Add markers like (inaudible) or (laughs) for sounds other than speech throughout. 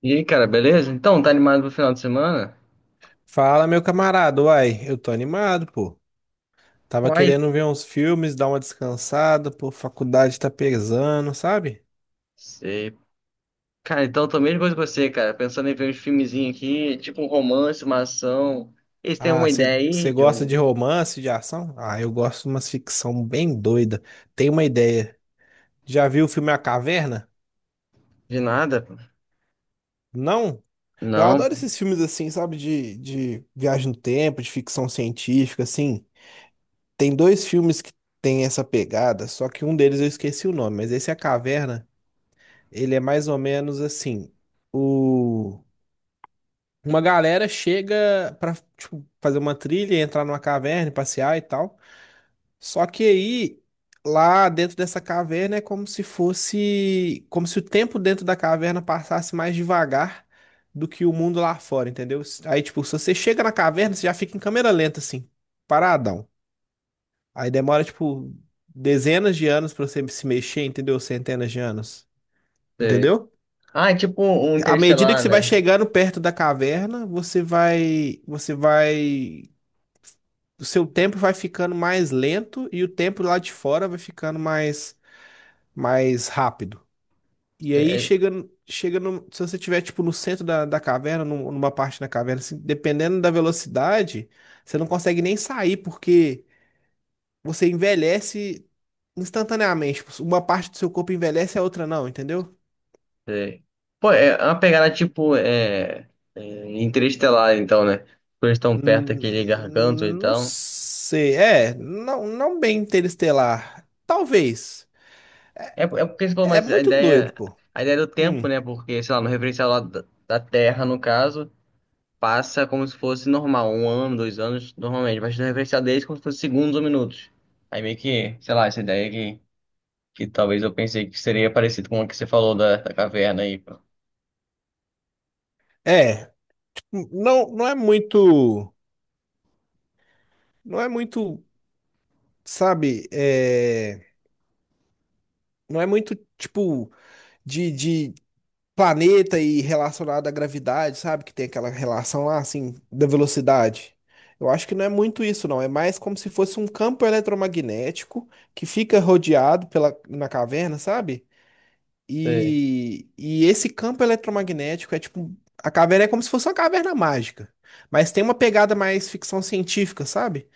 E aí, cara, beleza? Então, tá animado pro final de semana? Fala, meu camarada. Uai, eu tô animado, pô. Tava Uai, querendo ver uns filmes, dar uma descansada, pô. Faculdade tá pesando, sabe? sei. Cara, então eu tô a mesma coisa que você, cara. Pensando em ver uns filmezinhos aqui, tipo um romance, uma ação. Eles têm Ah, alguma ideia você aí de gosta um de romance, de ação? Ah, eu gosto de umas ficção bem doida. Tem uma ideia. Já viu o filme A Caverna? de nada? Não? Eu Não, adoro esses filmes assim, sabe? De viagem no tempo, de ficção científica, assim. Tem dois filmes que tem essa pegada, só que um deles eu esqueci o nome, mas esse é A Caverna. Ele é mais ou menos assim, o uma galera chega pra tipo, fazer uma trilha, entrar numa caverna, e passear e tal. Só que aí lá dentro dessa caverna é como se fosse, como se o tempo dentro da caverna passasse mais devagar do que o mundo lá fora, entendeu? Aí tipo, se você chega na caverna, você já fica em câmera lenta assim, paradão. Aí demora tipo dezenas de anos pra você se mexer, entendeu? Centenas de anos, sei. entendeu? Ah, é tipo um À medida que Interestelar, você vai né? chegando perto da caverna, você vai, o seu tempo vai ficando mais lento e o tempo lá de fora vai ficando mais, mais rápido. E aí Sei, chega, chega no- se você estiver tipo no centro da caverna, numa parte da caverna, assim, dependendo da velocidade, você não consegue nem sair porque você envelhece instantaneamente. Uma parte do seu corpo envelhece, a outra não, entendeu? sei. Pô, é uma pegada tipo é Interestelar, então, né? Porque eles estão perto daquele garganto, Hum. Não então. sei. É, não, não bem interestelar. Talvez. É porque você falou, É mas a muito doido, ideia, pô. a ideia do tempo, Hum. né? Porque, sei lá, no referencial lá da Terra, no caso. Passa como se fosse normal, um ano, 2 anos, normalmente, mas na referencial deles como se fosse segundos ou minutos. Aí meio que, sei lá, essa ideia que talvez eu pensei que seria parecido com o que você falou da caverna aí. Pô. É, não, não é muito. Não é muito, sabe? É, não é muito tipo de planeta e relacionado à gravidade, sabe? Que tem aquela relação lá, assim, da velocidade. Eu acho que não é muito isso, não. É mais como se fosse um campo eletromagnético que fica rodeado pela, na caverna, sabe? Sei, E esse campo eletromagnético é tipo. A caverna é como se fosse uma caverna mágica. Mas tem uma pegada mais ficção científica, sabe?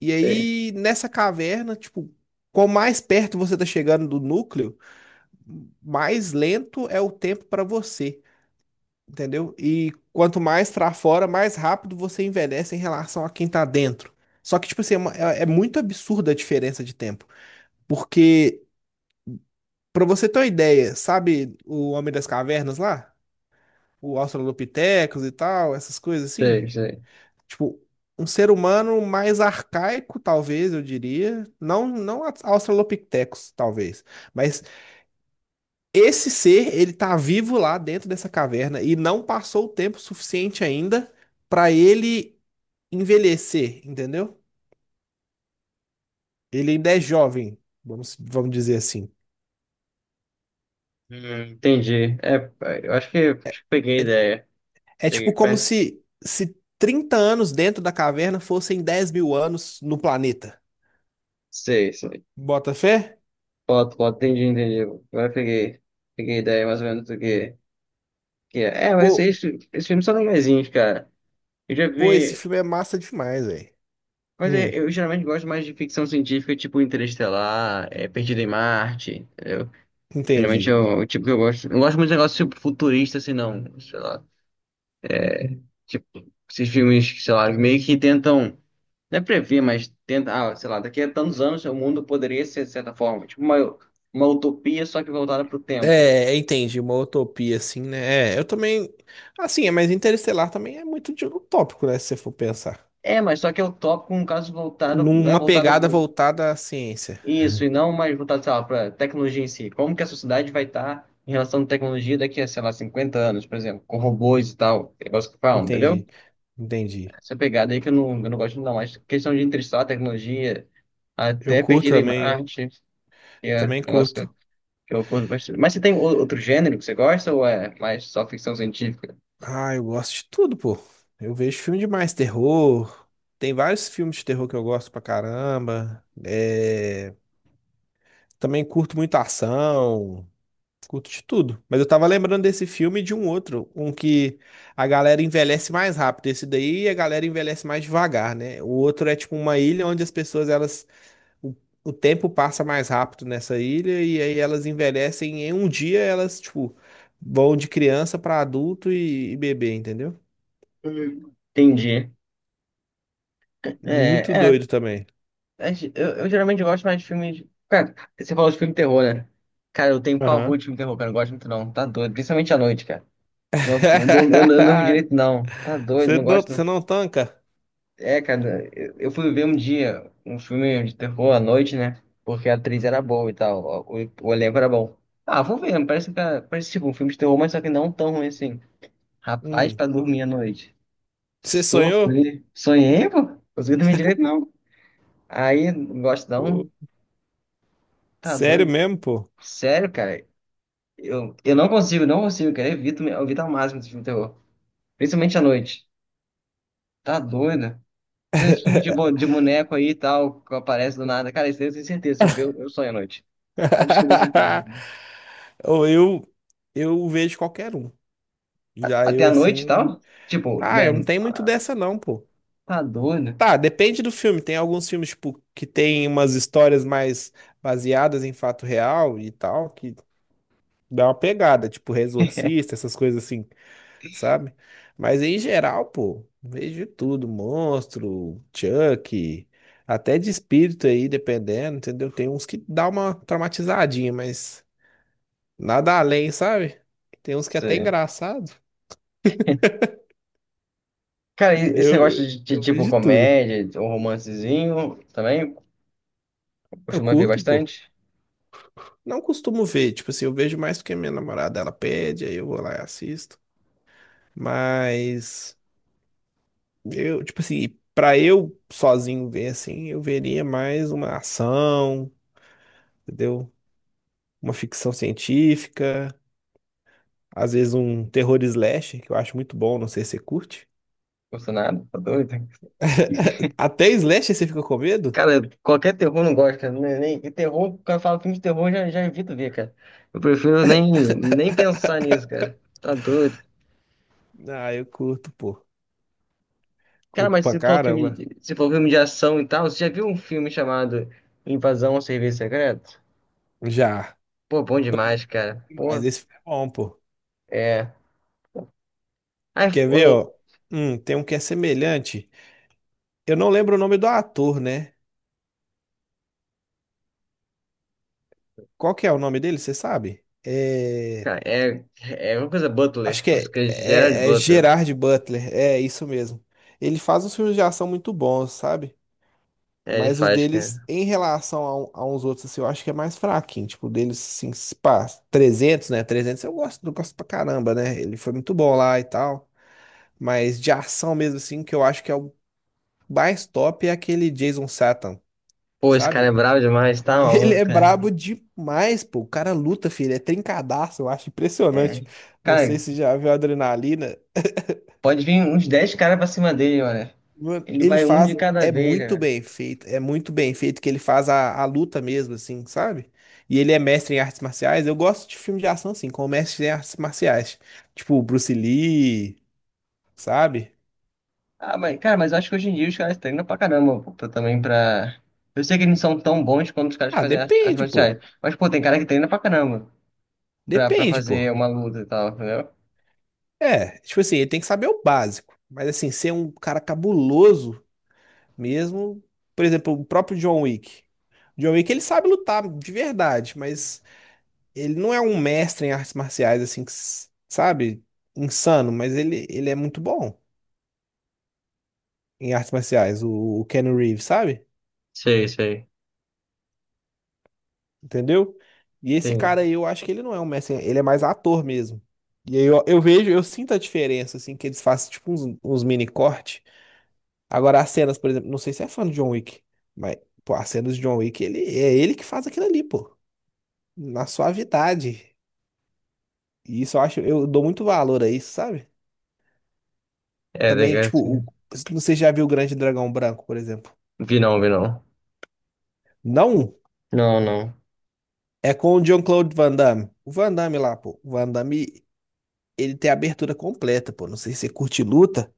E sei, aí, nessa caverna, tipo, quanto mais perto você tá chegando do núcleo, mais lento é o tempo para você, entendeu? E quanto mais pra fora, mais rápido você envelhece em relação a quem tá dentro. Só que, tipo assim, é muito absurda a diferença de tempo. Porque, pra você ter uma ideia, sabe o Homem das Cavernas lá? O Australopithecus e tal, essas coisas assim. sei, sei. Tipo, um ser humano mais arcaico, talvez, eu diria. Não, não Australopithecus, talvez. Mas esse ser, ele tá vivo lá dentro dessa caverna e não passou o tempo suficiente ainda para ele envelhecer, entendeu? Ele ainda é jovem, vamos dizer assim. Entendi. É, eu acho que peguei a ideia. É tipo Peguei, como pé. se 30 anos dentro da caverna fossem 10 mil anos no planeta. Sei, sei. Bota fé? Foto, foto, entendi, entendi. Agora peguei a ideia mais ou menos do que é. É, mas Pô. esses filmes são legaisinhos, cara. Eu já Pô, esse vi. filme é massa demais, velho. Mas eu, Hum, eu geralmente gosto mais de ficção científica, tipo Interestelar, Perdido em Marte, entendeu? Geralmente é entendi. o tipo que eu gosto. Eu gosto muito de negócio tipo, futurista, assim, não, sei lá. Tipo, esses filmes, que, sei lá, meio que tentam, não é prever, mas tenta, ah, sei lá, daqui a tantos anos o mundo poderia ser de certa forma, tipo uma utopia, só que voltada pro tempo. É, entendi, uma utopia assim, né? É, eu também. Assim, é, mas Interestelar também é muito de utópico, né? Se você for pensar. É, mas só que é utópico, um caso voltado, não é Numa voltado. pegada voltada à ciência. Isso, e não mais voltado, sei lá, para tecnologia em si. Como que a sociedade vai estar em relação à tecnologia daqui a, sei lá, 50 anos, por exemplo, com robôs e tal, negócio que falam, entendeu? Entendi, entendi. Essa pegada aí que eu não gosto não, mas questão de interestelar tecnologia, Eu até curto Perdido em também, Marte, que é um também negócio que curto. que eu curto bastante. Mas você tem outro gênero que você gosta ou é mais só ficção científica? Ah, eu gosto de tudo, pô. Eu vejo filme demais, terror. Tem vários filmes de terror que eu gosto pra caramba. É, também curto muito ação. Curto de tudo. Mas eu tava lembrando desse filme e de um outro, um que a galera envelhece mais rápido. Esse daí a galera envelhece mais devagar, né? O outro é tipo uma ilha onde as pessoas, elas. O, o tempo passa mais rápido nessa ilha e aí elas envelhecem em um dia, elas, tipo, vão de criança pra adulto e bebê, entendeu? Hum. Entendi. Muito É, é. doido também. Eu geralmente gosto mais de filmes. Cara, você falou de filme de terror, né? Cara, eu tenho pavor Aham. de filme de terror, cara. Eu não gosto muito, não. Tá doido. Principalmente à noite, cara. Senão eu não durmo (laughs) direito, não. Tá doido, eu Você não não, gosto, você não. não tanca? É, cara, eu fui ver um dia um filme de terror à noite, né? Porque a atriz era boa e tal. O elenco era bom. Ah, vou ver. Parece tipo um filme de terror, mas só que não tão ruim assim. Rapaz, Hum. pra dormir à noite. Você sonhou? Sofri. Sonhei, pô. Consegui dormir direito, não. Aí, não gosto não. Pô, Tá sério doido. mesmo, pô? Sério, cara, eu não consigo, cara. Eu evito ao máximo esse filme de terror. Principalmente à noite. Tá doido? Principalmente filme de boneco aí e tal, que aparece do nada. Cara, isso daí eu tenho certeza. Se eu ver, eu sonho à noite. Absoluta certeza. (laughs) Cara. Ou eu vejo qualquer um. Já Até eu, à noite e assim. tal? Tipo, Ah, eu não man, tenho muito ah, dessa, não, pô. tá doido? Tá, depende do filme. Tem alguns filmes, tipo, que tem umas histórias mais baseadas em fato real e tal, que dá uma pegada, tipo, Exorcista, essas coisas assim, sabe? Mas em geral, pô, vejo de tudo: monstro, Chuck, até de espírito aí, dependendo, entendeu? Tem uns que dá uma traumatizadinha, mas nada além, sabe? Tem uns que é até Sei. engraçado. Cara, e você gosta Eu, de, eu vejo tipo de tudo. comédia ou romancezinho também? Eu Costuma ver curto, bastante? pô. Não costumo ver, tipo assim, eu vejo mais porque minha namorada ela pede, aí eu vou lá e assisto. Mas eu, tipo assim, pra eu sozinho ver assim, eu veria mais uma ação, entendeu? Uma ficção científica, às vezes um terror slasher, que eu acho muito bom, não sei se você curte. Gostou nada? Tá doido? Até slasher você fica com medo? Cara, qualquer terror não gosta, né? Nem, e terror, quando eu falo filme de terror, eu já evito ver, cara. Eu prefiro nem pensar nisso, cara. Tá doido. Ah, eu curto, pô. Cara, Curto mas pra se for filme, caramba. de- se for filme de ação e tal, você já viu um filme chamado Invasão ao Serviço Secreto? Já. Pô, bom demais, cara. Mas Pô, esse é bom, pô. é. Ai, Quer ver, ô, ó? Tem um que é semelhante. Eu não lembro o nome do ator, né? Qual que é o nome dele, você sabe? É... cara, é uma coisa Acho Butler. que é, Acho que é Gerard é, é Butler. Gerard Butler. É, isso mesmo. Ele faz uns filmes de ação muito bons, sabe? É, ele Mas os faz, deles, cara. em relação a uns outros, assim, eu acho que é mais fraquinho. Tipo, o deles, assim, se pá, 300, né? Trezentos eu gosto pra caramba, né? Ele foi muito bom lá e tal. Mas de ação mesmo, assim, que eu acho que é o mais top é aquele Jason Statham, Pô, esse cara é sabe? bravo demais, tá Ele maluco, é cara. brabo demais, pô. O cara luta, filho. É trincadaço, eu acho É. impressionante. Não Cara, sei se já viu a adrenalina. pode vir uns 10 caras pra cima dele, mano. Mano, Ele ele vai um de faz. cada É vez, muito né? bem feito. É muito bem feito que ele faz a luta mesmo, assim, sabe? E ele é mestre em artes marciais. Eu gosto de filme de ação, assim, com mestre em artes marciais. Tipo, Bruce Lee, sabe? Ah, mas, cara, mas eu acho que hoje em dia os caras treinam pra caramba, pô, também pra. Eu sei que eles não são tão bons quanto os caras que Ah, fazem as depende, marciais. pô. Mas, pô, tem cara que treina pra caramba pra Depende, fazer pô. uma luta e tal, entendeu? É, tipo assim, ele tem que saber o básico. Mas assim, ser um cara cabuloso. Mesmo, por exemplo, o próprio John Wick. John Wick, ele sabe lutar de verdade, mas ele não é um mestre em artes marciais, assim, que sabe? Insano, mas ele é muito bom em artes marciais, o Keanu Reeves, sabe? Sei, sei. Entendeu? E esse Sim. cara aí, eu acho que ele não é um mestre, ele é mais ator mesmo. E aí eu vejo, eu sinto a diferença, assim, que eles fazem, tipo, uns mini corte. Agora, as cenas, por exemplo, não sei se é fã do John Wick, mas, pô, as cenas do John Wick, ele, é ele que faz aquilo ali, pô. Na suavidade. E isso eu acho, eu dou muito valor a isso, sabe? É, Também, legal. tipo, o, Sim. você já viu o Grande Dragão Branco, por exemplo? Vi não, vi não. Não, Não, não. é com o Jean-Claude Van Damme. O Van Damme lá, pô. O Van Damme, ele tem a abertura completa, pô. Não sei se você curte luta.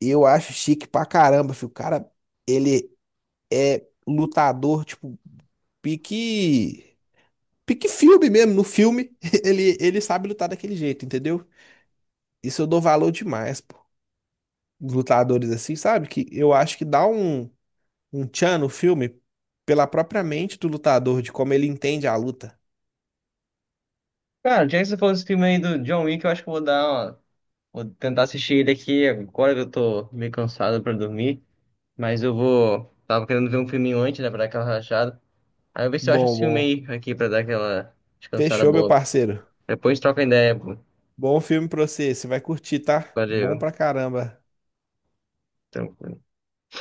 Eu acho chique pra caramba, filho. O cara, ele é lutador, tipo, pique. Pique filme mesmo. No filme, (laughs) ele sabe lutar daquele jeito, entendeu? Isso eu dou valor demais, os lutadores assim, sabe? Que eu acho que dá um, tchan no filme pela própria mente do lutador, de como ele entende a luta. Cara, já que você falou desse filme aí do John Wick, eu acho que eu vou dar uma... Vou tentar assistir ele aqui agora que eu tô meio cansado pra dormir. Mas eu vou. Tava querendo ver um filminho antes, né? Pra dar aquela relaxada. Aí eu ver se eu acho Bom, esse filme bom. aí aqui pra dar aquela descansada Fechou, meu boa. parceiro. Depois troca ideia, pô. Bom filme pra você, você vai curtir, tá? Bom Valeu. pra caramba. Tranquilo.